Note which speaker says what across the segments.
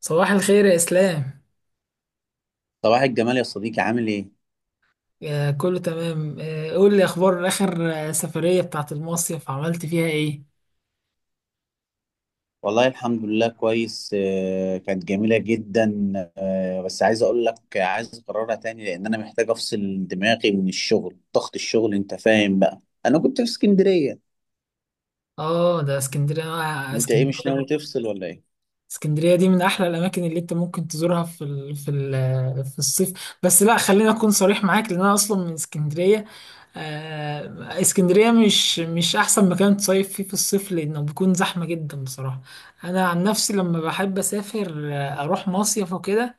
Speaker 1: صباح الخير يا إسلام.
Speaker 2: صباح الجمال يا صديقي، عامل ايه؟
Speaker 1: كله تمام. قول لي أخبار آخر سفرية بتاعت المصيف عملت فيها إيه؟
Speaker 2: والله الحمد لله كويس. كانت جميلة جدا. بس عايز اقول لك، عايز اكررها تاني لان انا محتاج افصل دماغي من الشغل، ضغط الشغل، انت فاهم بقى. انا كنت في اسكندرية.
Speaker 1: آه، ده اسكندرية.
Speaker 2: انت ايه، مش ناوي تفصل ولا ايه؟
Speaker 1: اسكندرية دي من أحلى الأماكن اللي أنت ممكن تزورها في ال... في ال... آه، في الصيف. بس لا، خليني أكون صريح معاك، لأن أنا أصلا من اسكندرية. اسكندرية مش أحسن مكان تصيف فيه في الصيف، لأنه بيكون زحمة جدا بصراحة. أنا عن نفسي لما بحب أسافر أروح مصيف وكده.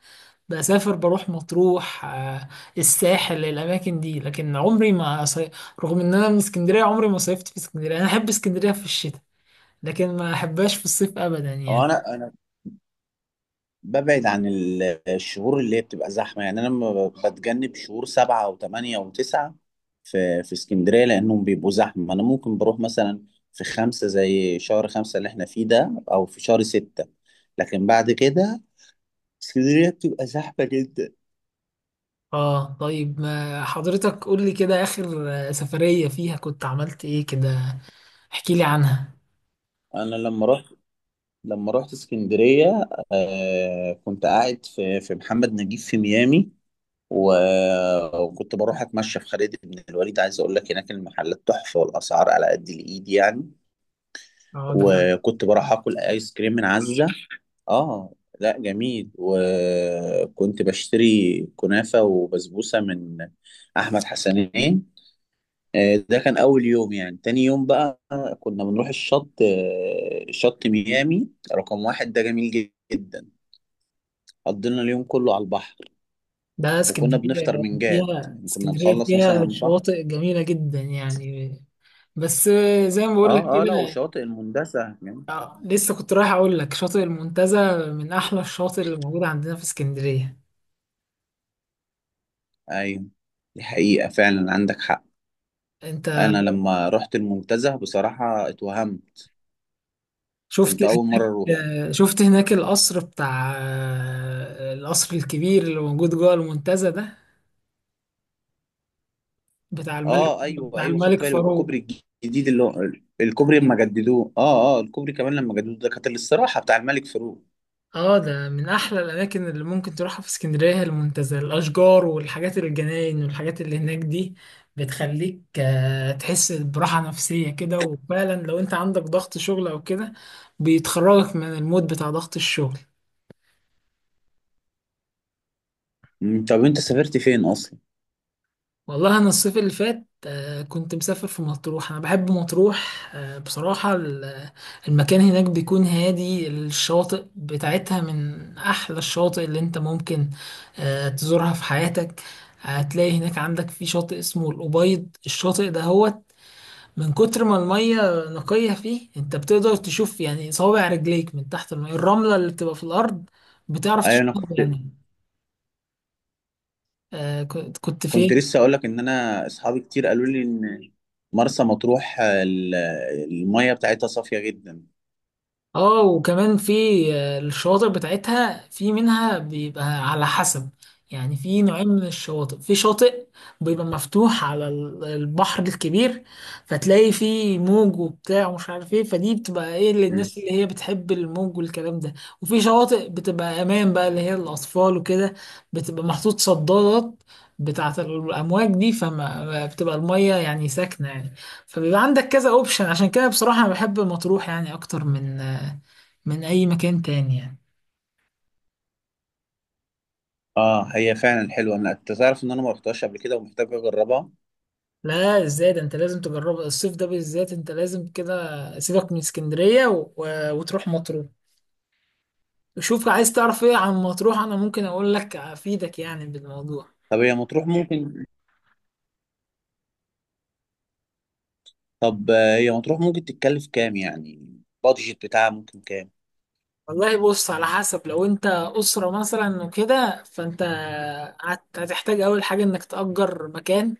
Speaker 1: بروح مطروح، الساحل، الاماكن دي، لكن عمري ما صي... رغم ان انا من اسكندريه، عمري ما صيفت في اسكندريه. انا احب اسكندريه في الشتاء، لكن ما احبهاش في الصيف ابدا
Speaker 2: هو
Speaker 1: يعني.
Speaker 2: انا ببعد عن الشهور اللي هي بتبقى زحمة يعني. أنا لما بتجنب شهور سبعة وثمانية وتسعة في اسكندرية لأنهم بيبقوا زحمة. أنا ممكن بروح مثلا في خمسة، زي شهر خمسة اللي احنا فيه ده، أو في شهر ستة، لكن بعد كده اسكندرية بتبقى زحمة جدا.
Speaker 1: اه، طيب، ما حضرتك قول لي كده، اخر سفريه فيها كنت عملت ايه كده. احكي لي عنها.
Speaker 2: أنا لما رحت، لما رحت اسكندرية، آه كنت قاعد في محمد نجيب في ميامي، وكنت بروح أتمشى في خالد بن الوليد. عايز أقول لك، هناك المحلات تحفة والأسعار على قد الإيد يعني.
Speaker 1: اه، ده فعلا.
Speaker 2: وكنت بروح اكل ايس كريم من عزة. اه، لا جميل. وكنت بشتري كنافة وبسبوسة من احمد حسنين. ده كان اول يوم. يعني تاني يوم بقى كنا بنروح الشط، شط ميامي رقم واحد، ده جميل جدا. قضينا اليوم كله على البحر.
Speaker 1: ده
Speaker 2: وكنا بنفطر من جاد، يعني كنا
Speaker 1: اسكندريه
Speaker 2: نخلص مثلا
Speaker 1: فيها
Speaker 2: على البحر.
Speaker 1: شواطئ جميله جدا يعني. بس زي ما بقول لك
Speaker 2: اه اه، لا
Speaker 1: كده.
Speaker 2: وشواطئ المندسة يعني.
Speaker 1: لسه كنت رايح اقول لك، شاطئ المنتزه من احلى الشواطئ اللي موجوده عندنا في اسكندريه.
Speaker 2: ايوه، دي حقيقة، فعلا عندك حق.
Speaker 1: انت
Speaker 2: انا لما رحت المنتزه بصراحه اتوهمت،
Speaker 1: شفت
Speaker 2: كنت اول مره اروحه.
Speaker 1: شفت هناك القصر بتاع القصر الكبير اللي موجود جوه المنتزه ده،
Speaker 2: اه ايوه
Speaker 1: بتاع
Speaker 2: ايوه، خدت
Speaker 1: الملك
Speaker 2: بالي.
Speaker 1: فاروق.
Speaker 2: والكوبري الجديد اللي هو الكوبري لما جددوه، اه اه، الكوبري كمان لما جددوه ده كانت الاستراحه بتاع الملك فاروق.
Speaker 1: اه، ده من احلى الاماكن اللي ممكن تروحها في اسكندريه، هي المنتزه. الاشجار والحاجات، الجناين والحاجات اللي هناك دي بتخليك تحس براحه نفسيه كده، وفعلا لو انت عندك ضغط شغل او كده بيتخرجك من المود بتاع ضغط الشغل.
Speaker 2: طب انت سافرت فين اصلا؟
Speaker 1: والله انا الصيف اللي فات كنت مسافر في مطروح. انا بحب مطروح بصراحة. المكان هناك بيكون هادي، الشواطئ بتاعتها من احلى الشواطئ اللي انت ممكن تزورها في حياتك. هتلاقي هناك عندك في شاطئ اسمه الأبيض. الشاطئ ده هو من كتر ما المية نقية فيه انت بتقدر تشوف، يعني صوابع رجليك من تحت المية، الرملة اللي بتبقى في الأرض بتعرف
Speaker 2: ايوه. انا
Speaker 1: تشوفها
Speaker 2: كنت
Speaker 1: يعني. كنت
Speaker 2: كنت
Speaker 1: فين؟
Speaker 2: لسه اقول لك ان انا، اصحابي كتير قالوا لي ان مرسى مطروح، الميه بتاعتها صافيه جدا.
Speaker 1: اه، وكمان في الشواطئ بتاعتها، في منها بيبقى على حسب، يعني في نوعين من الشواطئ. في شاطئ بيبقى مفتوح على البحر الكبير، فتلاقي فيه موج وبتاع ومش عارف ايه، فدي بتبقى ايه
Speaker 2: أمم.
Speaker 1: للناس اللي هي بتحب الموج والكلام ده. وفي شواطئ بتبقى امان بقى، اللي هي الاطفال وكده، بتبقى محطوط صدادات بتاعة الأمواج دي، فما بتبقى المية يعني ساكنة يعني. فبيبقى عندك كذا اوبشن. عشان كده بصراحة أنا بحب مطروح، يعني أكتر من اي مكان تاني يعني.
Speaker 2: اه هي فعلا حلوه. انا، انت تعرف ان انا ما رحتهاش قبل كده ومحتاج اجربها.
Speaker 1: لا، ازاي ده؟ انت لازم تجربه الصيف ده بالذات. انت لازم كده سيبك من اسكندرية وتروح مطروح. وشوف، عايز تعرف ايه عن مطروح، انا ممكن اقول لك افيدك يعني بالموضوع.
Speaker 2: طب هي مطروح ممكن طب هي مطروح ممكن تتكلف كام؟ يعني البادجت بتاعها ممكن كام؟
Speaker 1: والله بص، على حسب. لو انت اسرة مثلا وكده، فانت هتحتاج اول حاجة انك تأجر مكان،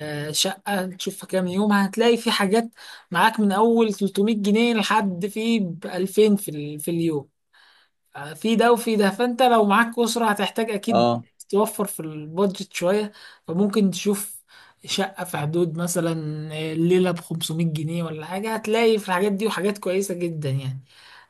Speaker 1: شقة تشوفها كام يوم. هتلاقي في حاجات معاك من اول 300 جنيه لحد في 2000 في في اليوم. في ده وفي ده، فانت لو معاك اسره هتحتاج اكيد
Speaker 2: اه،
Speaker 1: توفر في البادجت شويه. فممكن تشوف شقه في حدود مثلا الليله ب 500 جنيه ولا حاجه، هتلاقي في الحاجات دي وحاجات كويسه جدا يعني.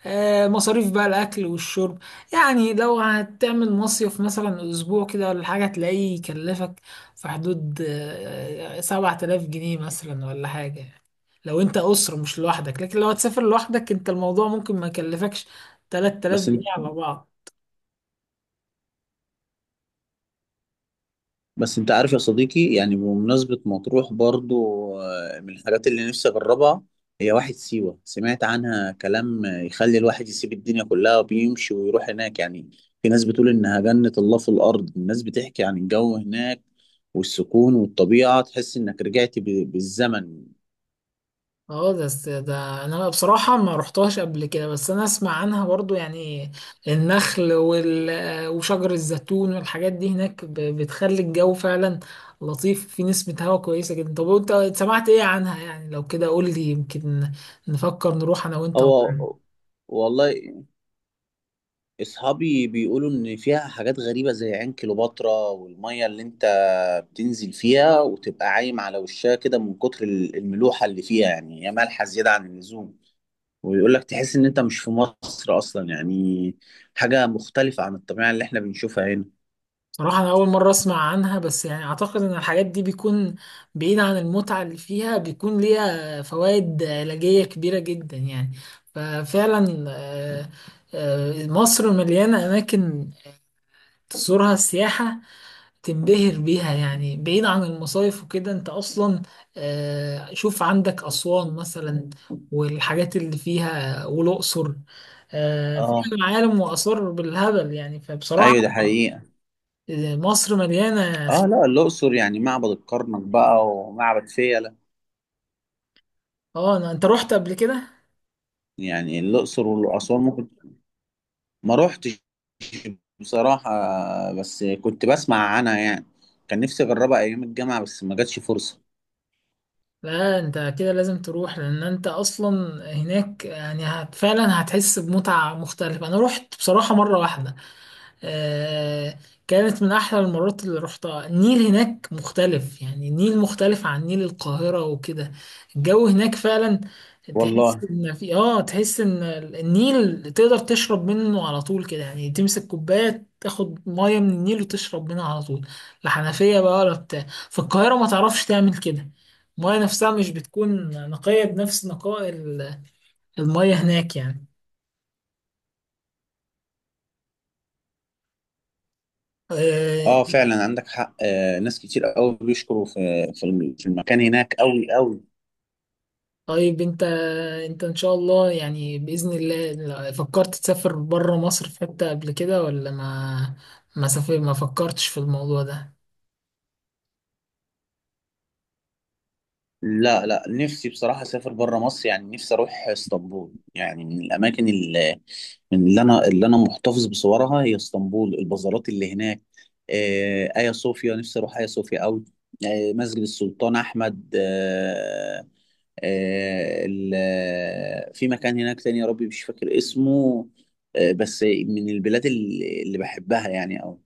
Speaker 1: مصاريف بقى الاكل والشرب، يعني لو هتعمل مصيف مثلا اسبوع كده ولا حاجه، هتلاقيه يكلفك في حدود 7000 جنيه مثلا ولا حاجه، لو انت اسره مش لوحدك. لكن لو هتسافر لوحدك انت، الموضوع ممكن ما يكلفكش 3000
Speaker 2: بس انت
Speaker 1: جنيه على بعض.
Speaker 2: بس انت عارف يا صديقي، يعني بمناسبة مطروح برضو، من الحاجات اللي نفسي اجربها هي واحد سيوة. سمعت عنها كلام يخلي الواحد يسيب الدنيا كلها وبيمشي ويروح هناك يعني. في ناس بتقول انها جنة الله في الارض. الناس بتحكي عن الجو هناك والسكون والطبيعة، تحس انك رجعت بالزمن.
Speaker 1: اه، ده انا بصراحة ما رحتهاش قبل كده، بس انا اسمع عنها برضو يعني. النخل وشجر الزيتون والحاجات دي هناك بتخلي الجو فعلا لطيف، في نسمة هواء كويسة جدا. طب وانت سمعت ايه عنها يعني؟ لو كده قول لي، يمكن نفكر نروح انا وانت.
Speaker 2: هو والله اصحابي بيقولوا ان فيها حاجات غريبة زي عين كليوباترا، والمية اللي انت بتنزل فيها وتبقى عايم على وشها كده من كتر الملوحة اللي فيها. يعني هي مالحة زيادة عن اللزوم، ويقول لك تحس ان انت مش في مصر اصلا يعني، حاجة مختلفة عن الطبيعة اللي احنا بنشوفها هنا.
Speaker 1: صراحة أنا أول مرة أسمع عنها، بس يعني أعتقد إن الحاجات دي بيكون بعيد عن المتعة اللي فيها، بيكون ليها فوائد علاجية كبيرة جدا يعني. ففعلا مصر مليانة أماكن تزورها سياحة تنبهر بيها، يعني بعيد عن المصايف وكده. أنت أصلا شوف عندك أسوان مثلا والحاجات اللي فيها، والأقصر فيها
Speaker 2: اه
Speaker 1: معالم وآثار بالهبل يعني. فبصراحة
Speaker 2: ايوه، ده حقيقة.
Speaker 1: مصر مليانة.
Speaker 2: اه لا، الاقصر يعني معبد الكرنك بقى ومعبد فيلة.
Speaker 1: اه، انت رحت قبل كده؟
Speaker 2: يعني الاقصر واسوان ممكن، ما روحتش بصراحة، بس كنت بسمع عنها يعني. كان نفسي أجربها أيام الجامعة بس ما جاتش فرصة.
Speaker 1: لا، انت كده لازم تروح، لان انت اصلا هناك يعني هت فعلا هتحس بمتعة مختلفة. انا رحت بصراحة مرة واحدة، آه كانت من احلى المرات اللي رحتها. النيل هناك مختلف، يعني النيل مختلف عن نيل القاهرة وكده. الجو هناك فعلا
Speaker 2: والله
Speaker 1: تحس ان النيل تقدر تشرب منه على طول كده، يعني تمسك كوباية تاخد مية من النيل وتشرب منها على طول. لا حنفية بقى ولا بتاع في القاهرة، ما تعرفش تعمل كده. المية نفسها مش بتكون نقية بنفس نقاء المية هناك يعني.
Speaker 2: اه
Speaker 1: آه،
Speaker 2: فعلا عندك حق. آه ناس كتير قوي بيشكروا في في المكان هناك، قوي قوي.
Speaker 1: طيب انت ان شاء الله يعني، بإذن الله فكرت تسافر بره مصر في حتة قبل كده؟ ولا ما فكرتش في الموضوع ده؟
Speaker 2: لا لا، نفسي بصراحة أسافر بره مصر. يعني نفسي أروح اسطنبول. يعني من الأماكن اللي، من اللي أنا اللي أنا محتفظ بصورها هي اسطنبول، البازارات اللي هناك، آه آيا صوفيا، نفسي أروح آيا صوفيا قوي، آه مسجد السلطان أحمد، آه في مكان هناك تاني يا ربي مش فاكر اسمه. بس من البلاد اللي بحبها يعني أوي.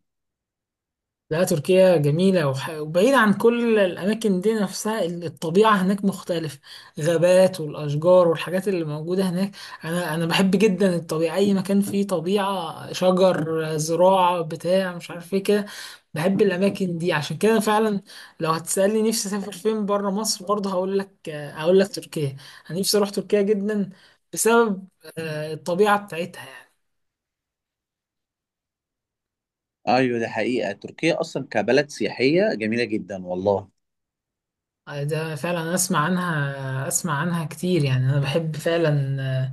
Speaker 1: لا، تركيا جميلة وبعيدة عن كل الأماكن دي نفسها. الطبيعة هناك مختلفة، غابات والأشجار والحاجات اللي موجودة هناك. أنا بحب جدا الطبيعة، أي مكان فيه طبيعة، شجر، زراعة، بتاع مش عارف إيه كده، بحب الأماكن دي. عشان كده فعلا لو هتسألني نفسي أسافر فين بره مصر برضه، هقول لك تركيا. أنا نفسي أروح تركيا جدا، بسبب الطبيعة بتاعتها يعني.
Speaker 2: أيوة ده حقيقة، تركيا أصلا كبلد سياحية جميلة جدا والله.
Speaker 1: ده فعلا، أنا اسمع عنها كتير يعني. انا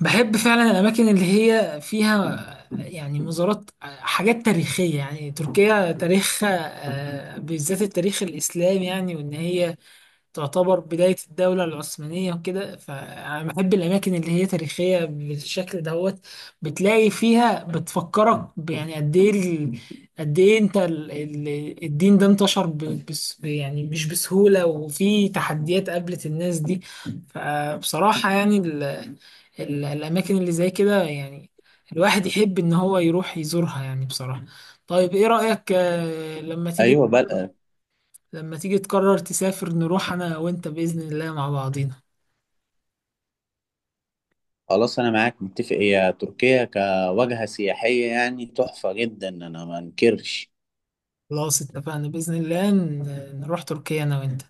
Speaker 1: بحب فعلا الاماكن اللي هي فيها، يعني مزارات، حاجات تاريخية، يعني تركيا تاريخها بالذات التاريخ الاسلامي يعني، وان هي تعتبر بداية الدولة العثمانية وكده. فأنا بحب الأماكن اللي هي تاريخية بالشكل دوت، بتلاقي فيها بتفكرك يعني قد إيه قد إيه أنت الدين ده انتشر بس يعني مش بسهولة، وفي تحديات قابلت الناس دي. فبصراحة يعني ال ال الأماكن اللي زي كده، يعني الواحد يحب إن هو يروح يزورها يعني بصراحة. طيب إيه رأيك
Speaker 2: أيوة بلد،
Speaker 1: لما تيجي تقرر تسافر، نروح انا وانت باذن الله مع بعضينا.
Speaker 2: خلاص أنا معاك متفق، هي تركيا كواجهة سياحية يعني تحفة جدا، أنا ما أنكرش.
Speaker 1: خلاص اتفقنا باذن الله، نروح تركيا انا وانت.